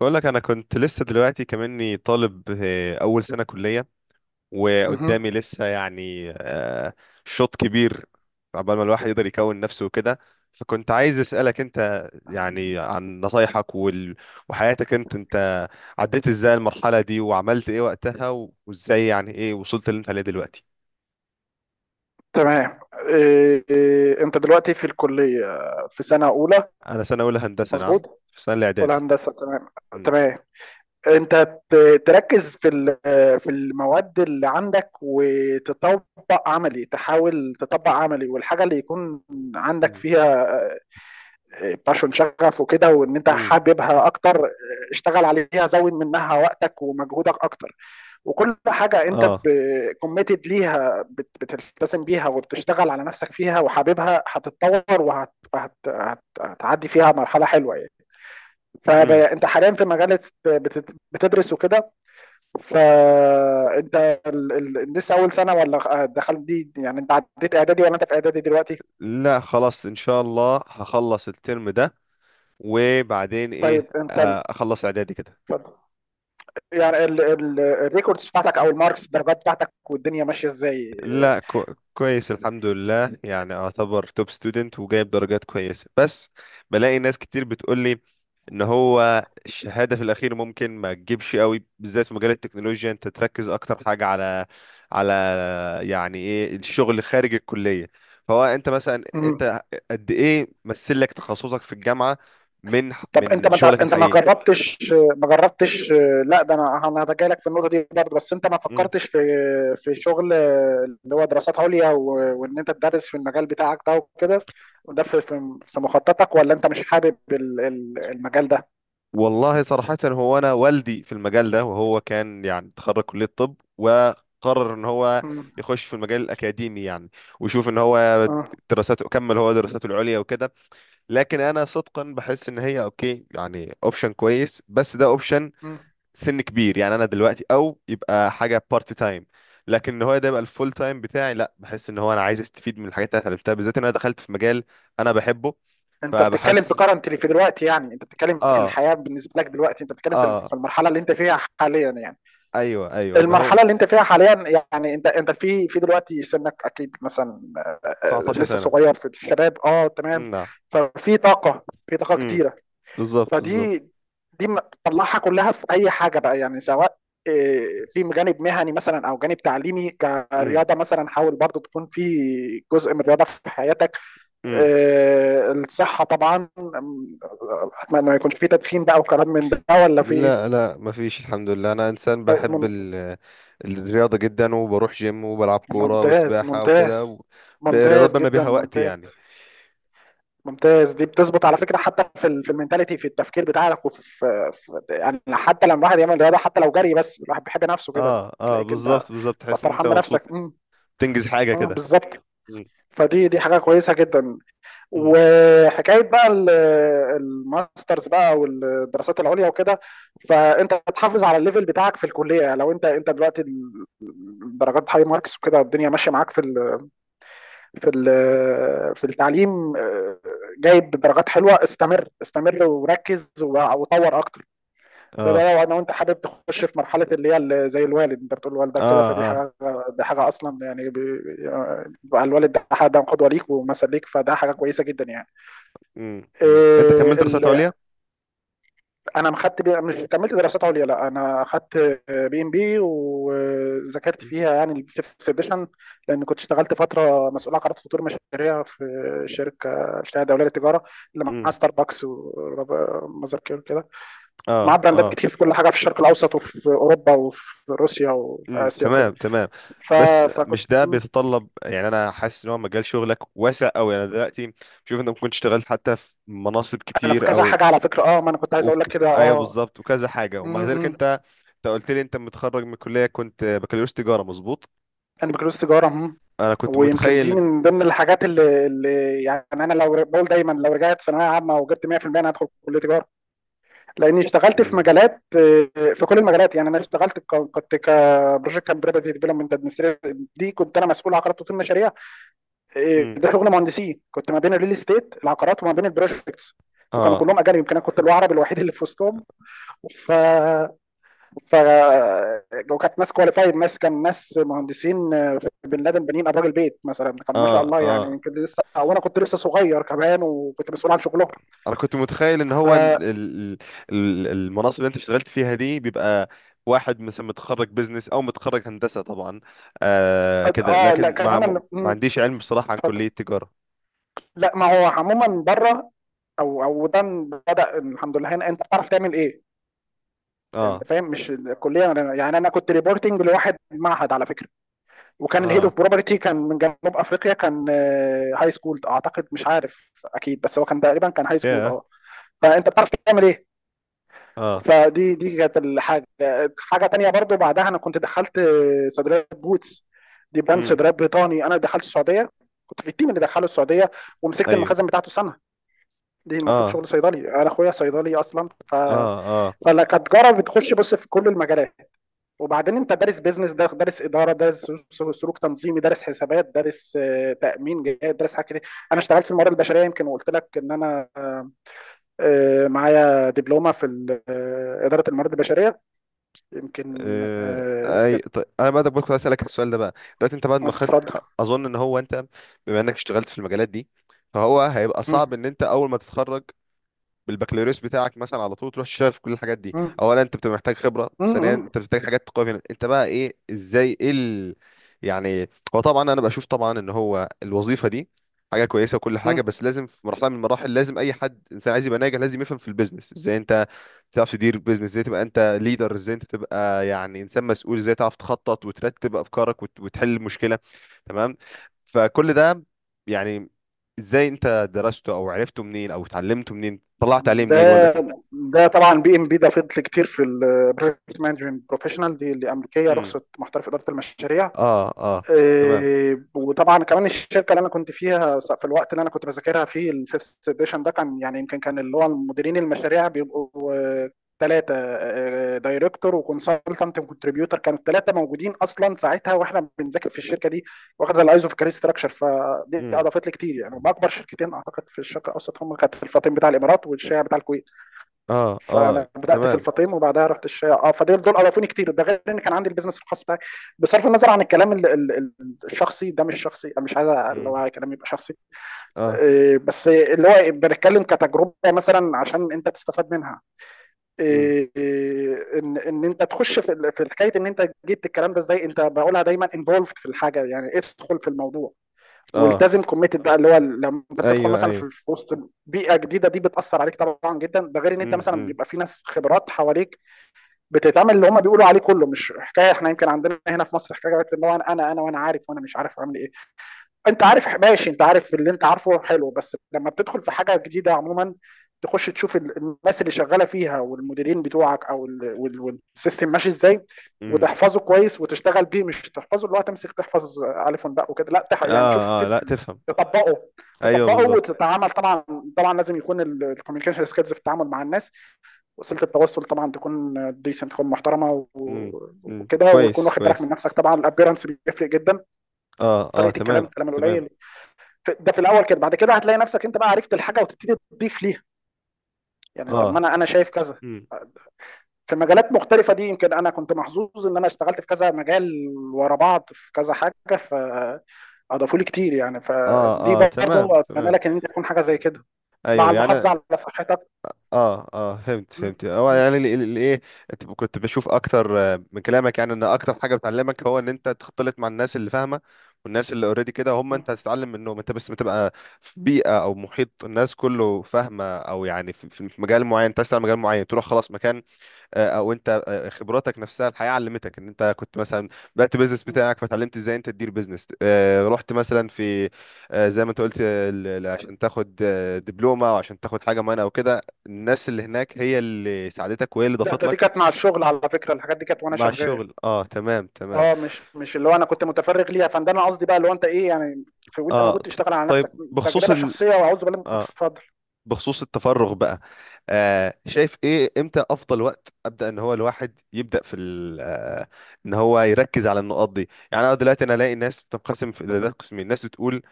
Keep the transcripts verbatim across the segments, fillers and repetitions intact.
بقول لك انا كنت لسه دلوقتي كمني طالب، آه، اول سنه كليه، مهم. وقدامي لسه يعني آه، شوط كبير، عقبال ما الواحد يقدر يكون نفسه وكده. فكنت عايز اسالك انت يعني عن نصايحك وال... وحياتك انت انت عديت ازاي المرحله دي وعملت ايه وقتها و- وازاي يعني ايه وصلت اللي انت عليه دلوقتي؟ تمام. إيه إيه، انت دلوقتي في الكلية، في سنة أولى؟ انا سنه اولى هندسه، نعم. مظبوط، في سنه ولا الاعدادي. هندسة؟ تمام. مم. تمام. انت ت- تركز في ال- في المواد اللي عندك، وتطبق عملي، تحاول تطبق عملي، والحاجة اللي يكون عندك مم. فيها باشون، شغف وكده، وان انت مم. حاببها اكتر، اشتغل عليها، زود منها وقتك ومجهودك اكتر. وكل حاجه انت اه. كوميتد ليها، بت- بتلتزم بيها وبتشتغل على نفسك فيها وحاببها، هتتطور، وهت وهت- هت- هتعدي فيها مرحله حلوه يعني. مم. فانت حاليا في مجال بتت- بتدرس وكده. فانت ال- ال- لسه اول سنه، ولا دخلت دي؟ يعني انت عديت اعدادي، ولا انت في اعدادي دلوقتي؟ لا، خلاص ان شاء الله هخلص الترم ده، وبعدين ايه طيب، انت ال- آه، اخلص اعدادي كده. اتفضل. يعني الريكوردز بتاعتك او الماركس، الدرجات بتاعتك، والدنيا ماشيه ازاي؟ لا، كو كويس الحمد لله، يعني اعتبر توب ستودنت وجايب درجات كويسة. بس بلاقي ناس كتير بتقول لي ان هو الشهادة في الاخير ممكن ما تجيبش قوي، بالذات في مجال التكنولوجيا انت تركز اكتر حاجة على على يعني ايه الشغل خارج الكلية. فهو انت مثلا، مم. انت قد ايه مثل لك تخصصك في الجامعة من طب انت من ما شغلك انت ما الحقيقي؟ جربتش ما جربتش؟ لا، ده انا انا هتجاهلك لك في النقطه دي برضه. بس انت ما فكرتش في في شغل اللي هو دراسات عليا، و- وان انت تدرس في المجال بتاعك ده وكده؟ وده في في في مخططك، ولا انت مش حابب ال- ال- المجال ده؟ والله صراحة، هو أنا والدي في المجال ده، وهو كان يعني تخرج كلية طب وقرر إن هو مم. يخش في المجال الأكاديمي يعني، ويشوف إن هو اه دراساته، كمل هو دراساته العليا وكده. لكن أنا صدقا بحس إن هي أوكي، يعني أوبشن كويس، بس ده أوبشن مم. سن كبير، يعني أنا دلوقتي أو يبقى حاجة بارت تايم. لكن إن هو ده يبقى الفول تايم بتاعي، لا، بحس إن هو أنا عايز أستفيد من الحاجات اللي أنا اتعلمتها، بالذات إن أنا دخلت في مجال أنا بحبه. انت بتتكلم في فبحس. كرنتلي، في دلوقتي، يعني انت بتتكلم في آه. الحياه بالنسبه لك دلوقتي، انت بتتكلم في ال- آه. في المرحله اللي انت فيها حاليا يعني. ايوه ايوه، ان المرحلة هو اللي أنت فيها حاليًا، يعني أنت أنت في في دلوقتي، سنك أكيد مثلًا آآ، آآ، 19 لسه سنة. صغير، في الشباب، آه، تمام. مم، نعم. ففي طاقة، في طاقة مم. كتيرة. بالظبط بالظبط. فدي دي م طلّعها كلها في أي حاجة بقى، يعني سواء آآ، في جانب مهني مثلًا، أو جانب تعليمي، مم. كرياضة مثلًا، حاول برضه تكون في جزء من الرياضة في حياتك. مم. آآ، الصحة طبعًا. آمم، أتمنى ما يكونش في تدخين بقى وكلام من ده، والّا في لا إيه؟ لا، مفيش الحمد لله، انا انسان بحب ال... الرياضة جدا، وبروح جيم وبلعب كورة ممتاز، وسباحة ممتاز، وكده و... برياضات ممتاز بنا جدا، بيها وقت ممتاز، يعني. ممتاز. دي بتظبط على فكره، حتى في ال- في المينتاليتي، في التفكير بتاعك، وفي في يعني حتى لما الواحد يعمل رياضه، حتى لو جري بس، الواحد بيحب نفسه كده. اه اه، تلاقيك انت بالظبط بالظبط، تبقى تحس ان انت فرحان مبسوط، بنفسك. امم، تنجز حاجة اه، كده. بالظبط. مم. فدي دي حاجه كويسه جدا. مم. وحكايه بقى ال- الماسترز بقى والدراسات العليا وكده. فانت تحافظ على الليفل بتاعك في الكليه. لو انت انت دلوقتي ال- درجات هاي ماركس وكده، الدنيا ماشيه معاك في ال في ال- في التعليم، آه، جايب درجات حلوه، استمر، استمر، وركز، و- وطور اكتر. ده، اه. ده لو انا وانت حابب تخش في مرحله اللي هي ال- زي الوالد، انت بتقول لوالدك كده، اه فدي اه. حاجه، دي حاجه اصلا يعني بي- بقى الوالد ده حد قدوه ليك ومثل ليك، فده حاجه كويسه جدا. مم. مم. انت كملت يعني دراسات عليا؟ انا ما خدت بي... مش كملت دراسات عليا، لا، انا خدت بي ام بي، وذاكرت مم. فيها يعني الفيفث سيديشن، لان كنت اشتغلت فتره مسؤول عن قرارات وتطوير مشاريع في شركه الشهاده الدوليه للتجاره، اللي معاها مم. ستاربكس وماذر كير كده، معاه اه براندات اه. كتير في كل حاجه، في الشرق الاوسط وفي اوروبا وفي روسيا وفي امم، اسيا تمام وكده. تمام. ف... بس فكنت مش ده بيتطلب يعني، انا حاسس ان هو مجال شغلك واسع قوي، انا دلوقتي بشوف انت ممكن تشتغل حتى في مناصب انا في كتير كذا او حاجه على فكره. اه ما انا كنت عايز وفي اقول لك كده. ك- ايوه بالظبط، وكذا حاجه، ومع ذلك اه، انت انت قلت لي انت متخرج من الكليه، كنت بكالوريوس تجاره مظبوط. انا بكالوريوس تجاره. هم. انا كنت ويمكن دي متخيل. من ضمن الحاجات اللي, اللي، يعني انا لو ر- بقول دايما، لو رجعت ثانويه عامه وجبت مية في المية، انا هدخل كليه تجاره، لاني اشتغلت في امم، مجالات، آه، في كل المجالات يعني. انا اشتغلت ك- كنت كبروجكت اند بروبرتي ديفلوبمنت ادمنستريتور، دي كنت انا مسؤول عقارات وتطوير مشاريع، آه، امم. ده شغل مهندسين. كنت ما بين الريل استيت، العقارات، وما بين البروجكتس. وكانوا اه كلهم اجانب، يمكن انا كنت العربي الوحيد اللي في وسطهم. ف ف وكانت ناس كواليفايد، ناس كان ناس مهندسين، آه، في بن لادن، بنين ابراج البيت مثلا، كانوا ما شاء اه الله يعني، اه. يمكن لسه، وانا كنت لسه صغير كمان، وكنت مسؤول عن شغلهم. انا كنت متخيل ان ف هو ال- ال- ال- المناصب اللي انت اشتغلت فيها دي بيبقى واحد مثلا متخرج بزنس او متخرج هندسة طبعا، آه كده، اه لا لكن ما كمان أنا- ما مم، عنديش علم بصراحة عن اتفضل. كلية تجارة. لا، ما هو عموما بره، او او ده بدا، الحمد لله. هنا انت بتعرف تعمل ايه، انت اه فاهم؟ مش الكليه. أنا- يعني انا كنت ريبورتنج لواحد معهد، على فكره، وكان الهيد اوف اه. بروبرتي كان من جنوب افريقيا، كان هاي سكول اعتقد، مش عارف اكيد، بس هو كان تقريبا كان هاي سكول، يا. اه. فانت بتعرف تعمل ايه. اه. فدي دي كانت الحاجه. حاجه تانية برضو بعدها، انا كنت دخلت صيدليه بوتس، دي براند امم. صيدليات بريطاني. انا دخلت السعوديه، كنت في التيم اللي دخله السعوديه، ومسكت ايوه. المخازن بتاعته سنه. دي المفروض اه شغل صيدلي، انا اخويا صيدلي اصلا. ف... اه اه. فكتجاره بتخش بص في كل المجالات. وبعدين انت دارس بيزنس، دارس اداره، دارس سلوك تنظيمي، دارس حسابات، دارس آه، تامين جهات، دارس حاجات كتير. انا اشتغلت في الموارد البشريه يمكن، وقلت لك ان انا آه، آه، معايا دبلومه في ال- آه، اداره الموارد البشريه، يمكن آه، آه، اي كانت. طيب، انا بقى كنت عايز اسالك السؤال ده بقى، دلوقتي انت بعد ما خدت، اتفضل. اظن ان هو انت بما انك اشتغلت في المجالات دي، فهو هيبقى صعب مم، ان انت اول ما تتخرج بالبكالوريوس بتاعك مثلا على طول تروح تشتغل في كل الحاجات دي. مم، اولا انت بتبقى محتاج خبره، مم، ثانيا مم، انت بتحتاج حاجات تقوي فيها انت بقى ايه، ازاي ايه ال... يعني. هو طبعا انا بشوف طبعا ان هو الوظيفه دي حاجه كويسه وكل حاجه، مم. بس لازم في مرحله من المراحل لازم اي حد انسان عايز يبقى ناجح لازم يفهم في البيزنس، ازاي انت تعرف تدير بيزنس، ازاي تبقى انت ليدر، ازاي انت تبقى يعني انسان مسؤول، ازاي تعرف تخطط وترتب افكارك وت- وتحل المشكله. تمام. فكل ده يعني، ازاي انت درسته او عرفته منين او اتعلمته منين طلعت عليه منين ولا ده ك... ده طبعا بي ام بي، ده فضل كتير في البروجكت مانجمنت بروفيشنال، دي اللي امريكيه، امم. رخصه محترف اداره المشاريع. اه اه، تمام. إيه، وطبعا كمان الشركه اللي انا كنت فيها، س- في الوقت اللي انا كنت بذاكرها فيه الفيفث اديشن ده، كان يعني يمكن كان اللي هو مديرين المشاريع بيبقوا ثلاثه: دايركتور وكونسلتنت وكونتريبيوتر، كانوا الثلاثه موجودين اصلا ساعتها واحنا بنذاكر في الشركه دي، واخده الايزو في كارير ستراكشر. فدي امم. اضافت لي كتير يعني. هم اكبر شركتين اعتقد في الشرق الاوسط، هم كانت الفاطم بتاع الامارات والشيعه بتاع الكويت. اه اه، فانا بدات في تمام. الفاطم وبعدها رحت الشيا، اه. فدول دول اضافوني كتير، ده غير ان كان عندي البيزنس الخاص بتاعي، بصرف النظر عن الكلام ال- ال- ال- الشخصي ده. مش شخصي، أنا مش عايز اللي امم. هو كلام يبقى شخصي، اه. إيه، بس اللي هو بنتكلم كتجربه مثلا عشان انت تستفاد منها. امم. إيه، إيه، ان ان انت تخش في ال- في حكايه ان انت جبت الكلام ده ازاي. انت بقولها دايما انفولفد في الحاجه، يعني ادخل في الموضوع اه. والتزم، كوميتد بقى، اللي هو لما بتدخل ايوه مثلا ايوه. في في وسط بيئه جديده، دي بتاثر عليك طبعا جدا، ده غير ان انت امم مثلا امم. بيبقى في ناس خبرات حواليك، بتتعمل اللي هم بيقولوا عليه كله. مش حكايه احنا يمكن عندنا هنا في مصر حكايه اللي هو انا انا انا وانا عارف وانا مش عارف اعمل ايه. انت عارف ماشي، انت عارف اللي انت عارفه، حلو. بس لما بتدخل في حاجه جديده عموما، تخش تشوف ال- الناس اللي شغاله فيها والمديرين بتوعك او ال- وال- والسيستم ماشي ازاي، امم. وتحفظه كويس وتشتغل بيه. مش تحفظه اللي هو تمسك تحفظ الف ونباء وكده، لا، تح- يعني تشوف اه اه، ال- لا، تفهم. تطبقه ايوه تطبقه بالظبط. وتتعامل طبعا. طبعا لازم يكون الكوميونيكيشن سكيلز في التعامل مع الناس، وسيله التواصل طبعا تكون ديسنت، تكون محترمه امم و- امم، وكده، وتكون كويس واخد بالك من كويس. نفسك طبعا، الابيرنس بيفرق جدا، اه اه، طريقه الكلام، تمام الكلام تمام. القليل. في- ده في الاول كده. بعد كده هتلاقي نفسك انت بقى عرفت الحاجه وتبتدي تضيف ليها، يعني طب ما اه. انا انا شايف كذا مم. في مجالات مختلفه دي. يمكن انا كنت محظوظ ان انا اشتغلت في كذا مجال ورا بعض، في كذا حاجه فاضافوا لي كتير يعني. اه فدي اه، تمام برضه اتمنى تمام، لك ان انت تكون حاجه زي كده، مع ايوه يعني. المحافظه على صحتك. اه اه، فهمت م- فهمت، هو م- يعني ال- ال- الايه، انت كنت بشوف اكتر آه، من كلامك يعني ان اكتر حاجه بتعلمك هو ان انت تختلط مع الناس اللي فاهمه، والناس اللي اوريدي كده هم م- انت هتتعلم منهم، انت بس بتبقى في بيئه او محيط الناس كله فاهمه، او يعني في في- في مجال معين انت عايز تعمل مجال معين تروح خلاص مكان. آه، او انت آه، خبراتك نفسها الحياه علمتك ان انت كنت مثلا بدات بيزنس م. بتاعك فتعلمت ازاي انت تدير بيزنس، آه، رحت مثلا في آه، زي ما انت قلت، آه، ال- ال- عشان تاخد آه، دبلومه او عشان تاخد حاجه معينه او كده، الناس اللي هناك هي اللي ساعدتك وهي اللي لا، ضافت ده لك. دي كانت مع الشغل على فكره، الحاجات دي كانت وانا مع شغال. الشغل، اه، تمام تمام. اه، مش مش اللي هو انا كنت متفرغ ليها. فده انا قصدي بقى اللي هو انت ايه يعني، في وانت اه موجود ط- تشتغل على طيب، نفسك، بخصوص تجربه ال شخصيه، واعوذ بالله. اه اتفضل. بخصوص التفرغ بقى، آه شايف ايه، امتى افضل وقت ابدا ان هو الواحد يبدا في ال- آه ان هو يركز على النقاط دي. يعني انا دلوقتي انا الاقي ناس بتنقسم في ده قسمين، ناس بتقول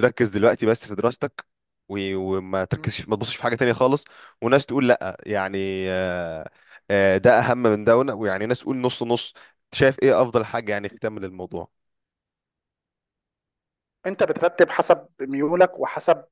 ركز دلوقتي بس في دراستك و- وما م. تركزش ما تبصش في حاجه تانية خالص، وناس تقول لا يعني، آه آه ده اهم من ده ون- ويعني ناس تقول نص نص. شايف ايه افضل حاجه يعني تكمل الموضوع؟ انت بترتب حسب ميولك وحسب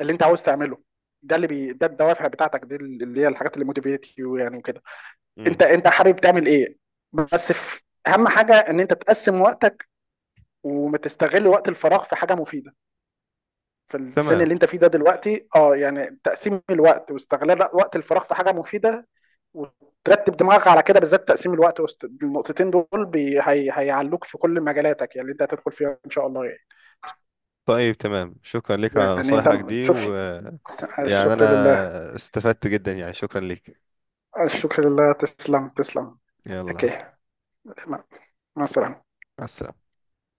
اللي انت عاوز تعمله. ده اللي بي... ده الدوافع بتاعتك، دي اللي هي الحاجات اللي موتيفيت يو يعني وكده. امم، انت انت حابب تعمل ايه؟ بس في اهم حاجه، ان انت تقسم وقتك وتستغل وقت الفراغ في حاجه مفيده، في السن تمام. اللي انت فيه ده دلوقتي، اه. يعني تقسيم الوقت واستغلال وقت الفراغ في حاجه مفيده، وترتب دماغك على كده، بالذات تقسيم الوقت وست... النقطتين دول بي... هي... هيعلوك في كل مجالاتك، يعني اللي انت هتدخل فيها ان شاء الله يعني. طيب، تمام، شكرا لك على يعني انت نصايحك دي شوف. و يعني انا شكرا لله، استفدت جدا، يعني شكرا لك. شكرا لله، تسلم، تسلم. يلا، اوكي. مع مع السلامة. مع السلامة.